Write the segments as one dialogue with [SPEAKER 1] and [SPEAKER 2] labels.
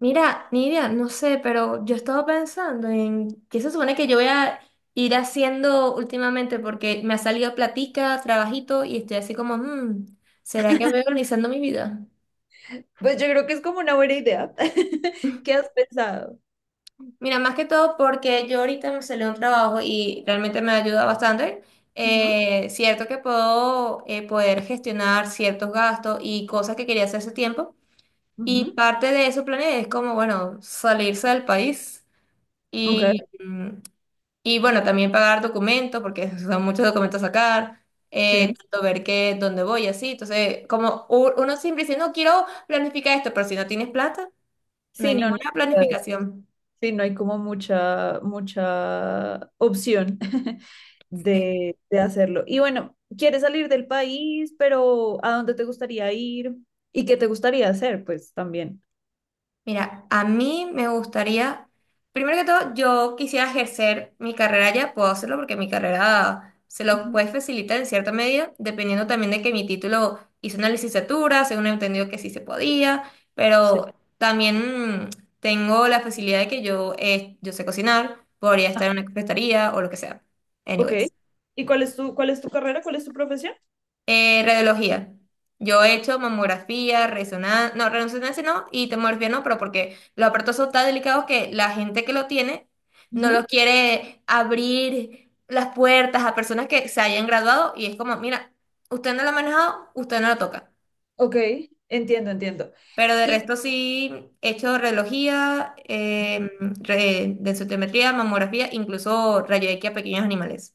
[SPEAKER 1] Mira, Nidia, no sé, pero yo estaba pensando en qué se supone que yo voy a ir haciendo últimamente porque me ha salido platica, trabajito y estoy así como, ¿Será que voy organizando mi vida?
[SPEAKER 2] Pues yo creo que es como una buena idea. ¿Qué has pensado?
[SPEAKER 1] Mira, más que todo porque yo ahorita me salió un trabajo y realmente me ayuda bastante.
[SPEAKER 2] Ujú.
[SPEAKER 1] Cierto que puedo poder gestionar ciertos gastos y cosas que quería hacer hace tiempo. Y
[SPEAKER 2] Ujú.
[SPEAKER 1] parte de eso planeé es como, bueno, salirse del país.
[SPEAKER 2] Ok.
[SPEAKER 1] Y, mm, Y bueno, también pagar documentos, porque son muchos documentos a sacar,
[SPEAKER 2] Sí.
[SPEAKER 1] tanto ver qué, dónde voy, así. Entonces, como uno siempre dice, no quiero planificar esto, pero si no tienes plata, no hay
[SPEAKER 2] Sí, no, no,
[SPEAKER 1] ninguna
[SPEAKER 2] eh,
[SPEAKER 1] planificación.
[SPEAKER 2] sí, no hay como mucha opción
[SPEAKER 1] Sí.
[SPEAKER 2] de hacerlo. Y bueno, ¿quieres salir del país, pero a dónde te gustaría ir? ¿Y qué te gustaría hacer? Pues también.
[SPEAKER 1] Mira, a mí me gustaría, primero que todo, yo quisiera ejercer mi carrera ya, puedo hacerlo porque mi carrera se lo
[SPEAKER 2] Ujú.
[SPEAKER 1] puede facilitar en cierta medida, dependiendo también de que mi título hice una licenciatura, según he entendido que sí se podía,
[SPEAKER 2] Sí.
[SPEAKER 1] pero también tengo la facilidad de que yo sé cocinar, podría
[SPEAKER 2] Ah,
[SPEAKER 1] estar en una cafetería o lo que sea.
[SPEAKER 2] ok.
[SPEAKER 1] Anyways.
[SPEAKER 2] ¿Y cuál es tu carrera? ¿Cuál es tu profesión?
[SPEAKER 1] Radiología. Yo he hecho mamografía, resonancia no, y tomografía no, pero porque los aparatos son tan delicados que la gente que lo tiene no
[SPEAKER 2] Ujú.
[SPEAKER 1] los quiere abrir las puertas a personas que se hayan graduado y es como, mira, usted no lo ha manejado, usted no lo toca.
[SPEAKER 2] Ok, entiendo, entiendo.
[SPEAKER 1] Pero de
[SPEAKER 2] Y
[SPEAKER 1] resto sí he hecho radiología, densitometría, mamografía, incluso rayo X a pequeños animales.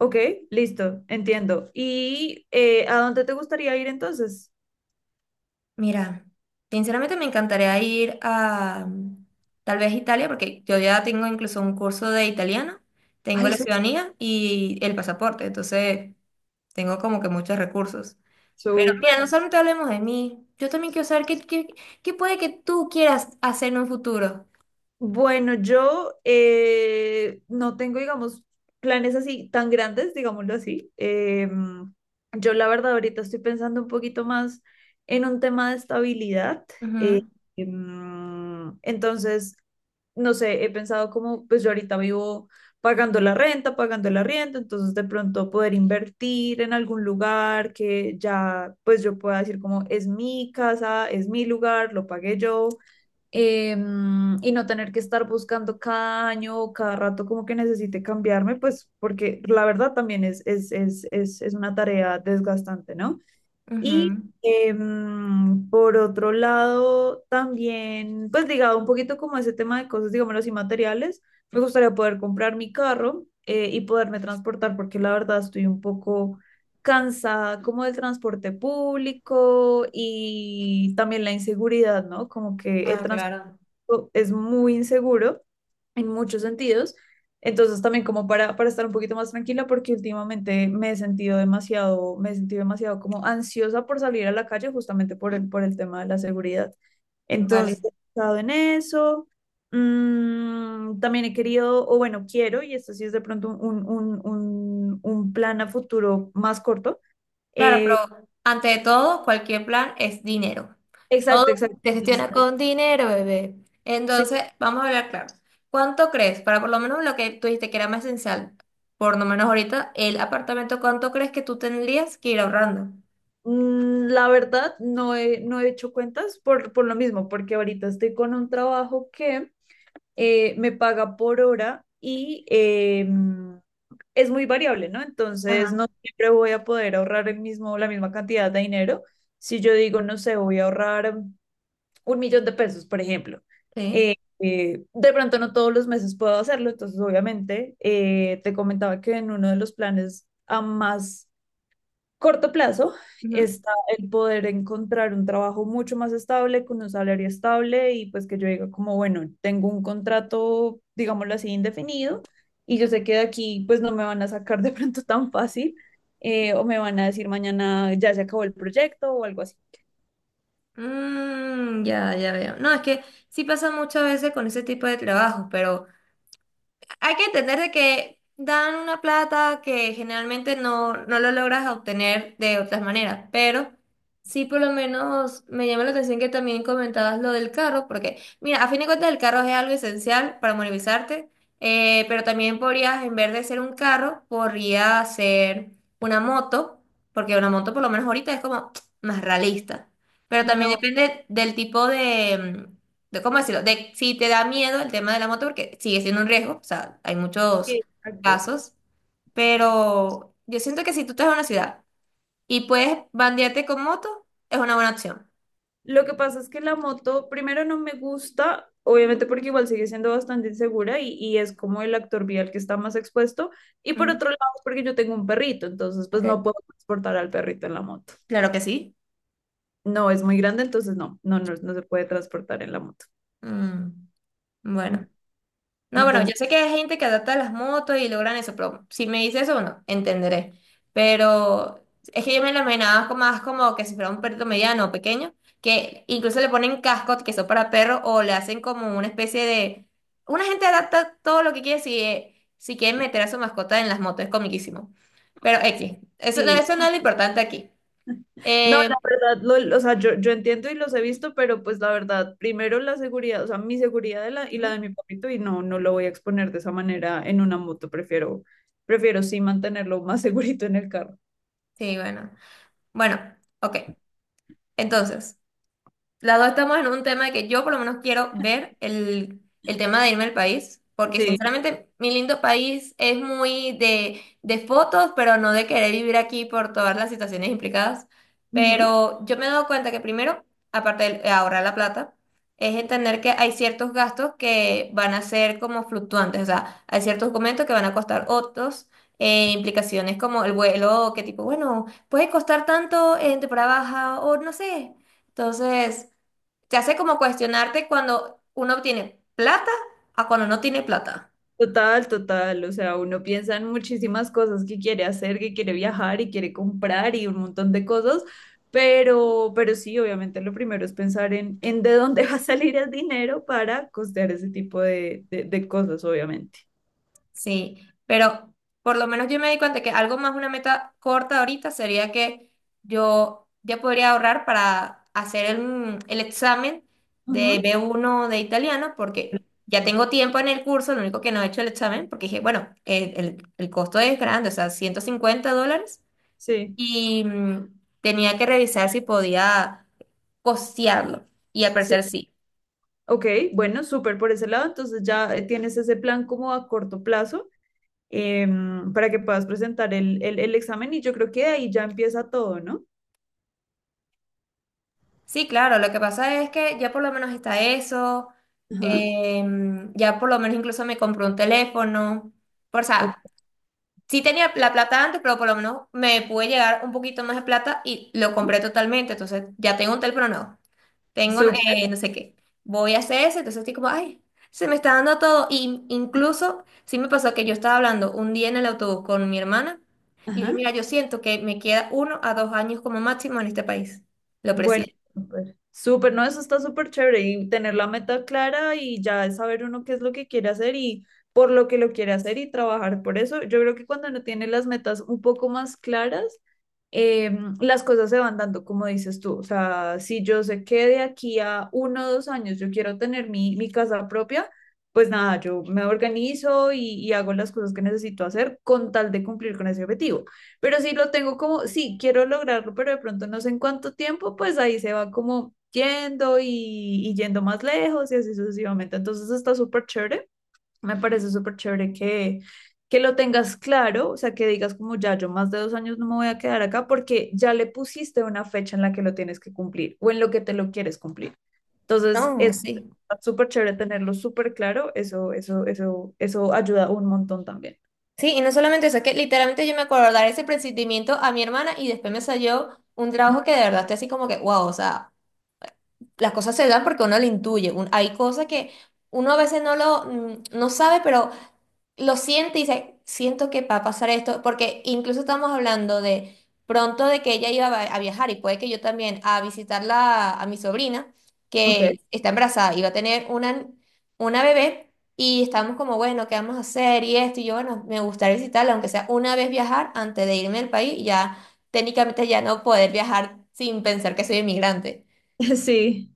[SPEAKER 2] Ok, listo, entiendo. ¿Y a dónde te gustaría ir entonces?
[SPEAKER 1] Mira, sinceramente me encantaría ir a tal vez Italia, porque yo ya tengo incluso un curso de italiano, tengo
[SPEAKER 2] Ay,
[SPEAKER 1] la ciudadanía y el pasaporte, entonces tengo como que muchos recursos. Pero
[SPEAKER 2] súper.
[SPEAKER 1] mira, no solamente hablemos de mí, yo también quiero saber qué puede que tú quieras hacer en un futuro.
[SPEAKER 2] Bueno, yo no tengo, digamos, planes así tan grandes, digámoslo así. Yo la verdad ahorita estoy pensando un poquito más en un tema de estabilidad. eh,
[SPEAKER 1] Ujú,
[SPEAKER 2] entonces, no sé, he pensado como, pues yo ahorita vivo pagando la renta, pagando el arriendo, entonces de pronto poder invertir en algún lugar que ya, pues yo pueda decir como, es mi casa, es mi lugar, lo pagué yo y no tener que estar buscando cada año o cada rato como que necesite cambiarme, pues porque la verdad también es una tarea desgastante, ¿no? Y
[SPEAKER 1] ujú.
[SPEAKER 2] por otro lado, también, pues ligado un poquito como a ese tema de cosas, digámoslo así, materiales, me gustaría poder comprar mi carro y poderme transportar, porque la verdad estoy un poco cansada como del transporte público y también la inseguridad, ¿no? Como que el
[SPEAKER 1] Ah,
[SPEAKER 2] transporte
[SPEAKER 1] claro.
[SPEAKER 2] es muy inseguro en muchos sentidos. Entonces también como para estar un poquito más tranquila porque últimamente me he sentido demasiado como ansiosa por salir a la calle justamente por el tema de la seguridad.
[SPEAKER 1] Vale.
[SPEAKER 2] Entonces he estado en eso. También he querido, o bueno, quiero, y esto sí es de pronto un plan a futuro más corto.
[SPEAKER 1] Claro, pero
[SPEAKER 2] eh,
[SPEAKER 1] ante todo, cualquier plan es dinero. Todo
[SPEAKER 2] exacto, exacto.
[SPEAKER 1] se gestiona con dinero, bebé.
[SPEAKER 2] Sí.
[SPEAKER 1] Entonces, vamos a hablar claro. ¿Cuánto crees? Para por lo menos lo que tú dijiste que era más esencial, por lo menos ahorita, el apartamento, ¿cuánto crees que tú tendrías que ir ahorrando?
[SPEAKER 2] La verdad, no he hecho cuentas por lo mismo, porque ahorita estoy con un trabajo que me paga por hora y es muy variable, ¿no? Entonces,
[SPEAKER 1] Ajá,
[SPEAKER 2] no siempre voy a poder ahorrar la misma cantidad de dinero. Si yo digo, no sé, voy a ahorrar 1.000.000 de pesos, por ejemplo.
[SPEAKER 1] sí.
[SPEAKER 2] eh, de pronto no todos los meses puedo hacerlo, entonces obviamente te comentaba que en uno de los planes a más corto plazo
[SPEAKER 1] Ujú.
[SPEAKER 2] está el poder encontrar un trabajo mucho más estable, con un salario estable y pues que yo diga como, bueno, tengo un contrato, digámoslo así, indefinido y yo sé que de aquí pues no me van a sacar de pronto tan fácil o me van a decir mañana ya se acabó el proyecto o algo así.
[SPEAKER 1] Ya, ya veo. No, es que sí pasa muchas veces con ese tipo de trabajos, pero hay que entender de que dan una plata que generalmente no, no lo logras obtener de otras maneras, pero sí por lo menos me llama la atención que también comentabas lo del carro, porque mira, a fin de cuentas el carro es algo esencial para movilizarte, pero también podrías, en vez de ser un carro, podría ser una moto, porque una moto por lo menos ahorita es como más realista, pero también
[SPEAKER 2] No,
[SPEAKER 1] depende del tipo de cómo decirlo, de si te da miedo el tema de la moto, porque sigue siendo un riesgo, o sea, hay muchos
[SPEAKER 2] sí, exacto.
[SPEAKER 1] casos, pero yo siento que si tú estás en una ciudad y puedes bandearte con moto, es una buena opción.
[SPEAKER 2] Lo que pasa es que la moto, primero no me gusta, obviamente porque igual sigue siendo bastante insegura y es como el actor vial que está más expuesto. Y por
[SPEAKER 1] Ujú,
[SPEAKER 2] otro lado, es porque yo tengo un perrito, entonces pues no
[SPEAKER 1] ok,
[SPEAKER 2] puedo transportar al perrito en la moto.
[SPEAKER 1] claro que sí.
[SPEAKER 2] No, es muy grande, entonces no, no, no, no se puede transportar en la moto.
[SPEAKER 1] Mm,
[SPEAKER 2] Ujú.
[SPEAKER 1] bueno. No, bueno, yo
[SPEAKER 2] Entonces,
[SPEAKER 1] sé que hay gente que adapta las motos y logran eso, pero si me dices eso, bueno, entenderé. Pero es que yo me lo imaginaba más como que si fuera un perrito mediano o pequeño, que incluso le ponen cascos que son para perros o le hacen como una especie de... Una gente adapta todo lo que quiere si, si quieren meter a su mascota en las motos, es comiquísimo. Pero X, eso,
[SPEAKER 2] sí,
[SPEAKER 1] eso no es lo importante aquí.
[SPEAKER 2] no,
[SPEAKER 1] Eh,
[SPEAKER 2] la verdad, o sea, yo entiendo y los he visto, pero pues la verdad, primero la seguridad, o sea, mi seguridad y la
[SPEAKER 1] Ujú,
[SPEAKER 2] de mi papito, y no, no lo voy a exponer de esa manera en una moto, prefiero sí mantenerlo más segurito en el carro.
[SPEAKER 1] sí, bueno. Bueno, ok. Entonces. Las dos estamos en un tema de que yo por lo menos quiero ver el tema de irme al país, porque
[SPEAKER 2] Sí,
[SPEAKER 1] sinceramente mi lindo país es muy de fotos, pero no de querer vivir aquí por todas las situaciones implicadas.
[SPEAKER 2] ujú.
[SPEAKER 1] Pero yo me he dado cuenta que primero, aparte de ahorrar la plata, es entender que hay ciertos gastos que van a ser como fluctuantes, o sea, hay ciertos documentos que van a costar otros, implicaciones como el vuelo, que tipo, bueno, puede costar tanto en temporada baja o no sé. Entonces te hace como cuestionarte cuando uno tiene plata a cuando no tiene plata.
[SPEAKER 2] Total, total, o sea, uno piensa en muchísimas cosas que quiere hacer, que quiere viajar y quiere comprar y un montón de cosas, pero sí, obviamente lo primero es pensar en de dónde va a salir el dinero para costear ese tipo de cosas, obviamente.
[SPEAKER 1] Sí, pero por lo menos yo me di cuenta que algo más, una meta corta ahorita sería que yo ya podría ahorrar para hacer el examen de
[SPEAKER 2] Ujú.
[SPEAKER 1] B1 de italiano porque ya
[SPEAKER 2] Sí.
[SPEAKER 1] tengo tiempo en el curso, lo único que no he hecho el examen porque dije, bueno, el costo es grande, o sea, 150 dólares
[SPEAKER 2] Sí,
[SPEAKER 1] y tenía que revisar si podía costearlo y al
[SPEAKER 2] sí.
[SPEAKER 1] parecer sí.
[SPEAKER 2] Ok, bueno, súper por ese lado. Entonces ya tienes ese plan como a corto plazo para que puedas presentar el examen y yo creo que de ahí ya empieza todo, ¿no?
[SPEAKER 1] Sí, claro, lo que pasa es que ya por lo menos está eso,
[SPEAKER 2] Ajá.
[SPEAKER 1] ya por lo menos incluso me compré un teléfono, o
[SPEAKER 2] Ok,
[SPEAKER 1] sea, sí tenía la plata antes, pero por lo menos me pude llegar un poquito más de plata y lo compré totalmente, entonces ya tengo un teléfono nuevo, tengo
[SPEAKER 2] súper.
[SPEAKER 1] no sé qué, voy a hacer eso, entonces estoy como, ay, se me está dando todo, y incluso sí me pasó que yo estaba hablando un día en el autobús con mi hermana, y le dije,
[SPEAKER 2] Ajá.
[SPEAKER 1] mira, yo siento que me queda uno a dos años como máximo en este país, lo
[SPEAKER 2] Bueno,
[SPEAKER 1] presiento.
[SPEAKER 2] súper. Súper, no, eso está súper chévere y tener la meta clara y ya saber uno qué es lo que quiere hacer y por lo que lo quiere hacer y trabajar por eso. Yo creo que cuando no tiene las metas un poco más claras, las cosas se van dando como dices tú. O sea, si yo sé que de aquí a 1 o 2 años yo quiero tener mi casa propia, pues nada, yo me organizo y hago las cosas que necesito hacer con tal de cumplir con ese objetivo. Pero si lo tengo como, sí, quiero lograrlo, pero de pronto no sé en cuánto tiempo, pues ahí se va como yendo y yendo más lejos y así sucesivamente. Entonces está súper chévere, me parece súper chévere que lo tengas claro, o sea, que digas como ya yo más de 2 años no me voy a quedar acá porque ya le pusiste una fecha en la que lo tienes que cumplir o en lo que te lo quieres cumplir. Entonces, es
[SPEAKER 1] No, sí.
[SPEAKER 2] súper chévere tenerlo súper claro, eso ayuda un montón también.
[SPEAKER 1] Sí, y no solamente eso, es que literalmente yo me acuerdo dar ese procedimiento a mi hermana y después me salió un
[SPEAKER 2] Ujú.
[SPEAKER 1] trabajo que de verdad estoy así como que, wow, o sea, las cosas se dan porque uno lo intuye. Hay cosas que uno a veces no lo, no sabe, pero lo siente y dice, siento que va a pasar esto, porque incluso estamos hablando de pronto de que ella iba a viajar y puede que yo también a visitarla a mi sobrina,
[SPEAKER 2] Ok,
[SPEAKER 1] que está embarazada, y va a tener una bebé y estamos como, bueno, ¿qué vamos a hacer? Y esto, y yo, bueno, me gustaría visitarla, aunque sea una vez viajar antes de irme del país, y ya técnicamente ya no poder viajar sin pensar que soy inmigrante.
[SPEAKER 2] sí,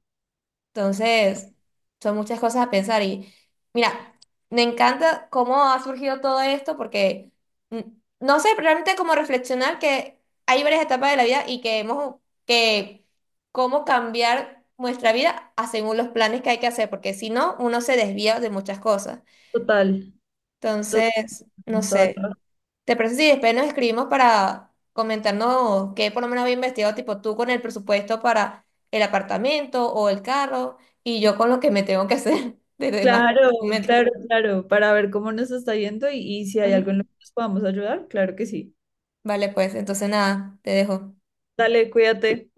[SPEAKER 1] Entonces, son muchas cosas a pensar y mira, me encanta cómo ha surgido todo esto porque mm, no sé pero realmente cómo reflexionar que hay varias etapas de la vida y que hemos que cómo cambiar nuestra vida a según los planes que hay que hacer, porque si no, uno se desvía de muchas cosas.
[SPEAKER 2] total, total,
[SPEAKER 1] Entonces, no
[SPEAKER 2] toda la
[SPEAKER 1] sé.
[SPEAKER 2] razón.
[SPEAKER 1] ¿Te parece si después nos escribimos para comentarnos qué por lo menos había investigado, tipo tú con el presupuesto para el apartamento o el carro y yo con lo que me tengo que hacer de demás
[SPEAKER 2] Claro,
[SPEAKER 1] documentos?
[SPEAKER 2] claro, claro, para ver cómo nos está yendo y si hay algo en lo
[SPEAKER 1] Ujú.
[SPEAKER 2] que nos podamos ayudar, claro que sí.
[SPEAKER 1] Vale, pues entonces nada, te dejo.
[SPEAKER 2] Dale, cuídate.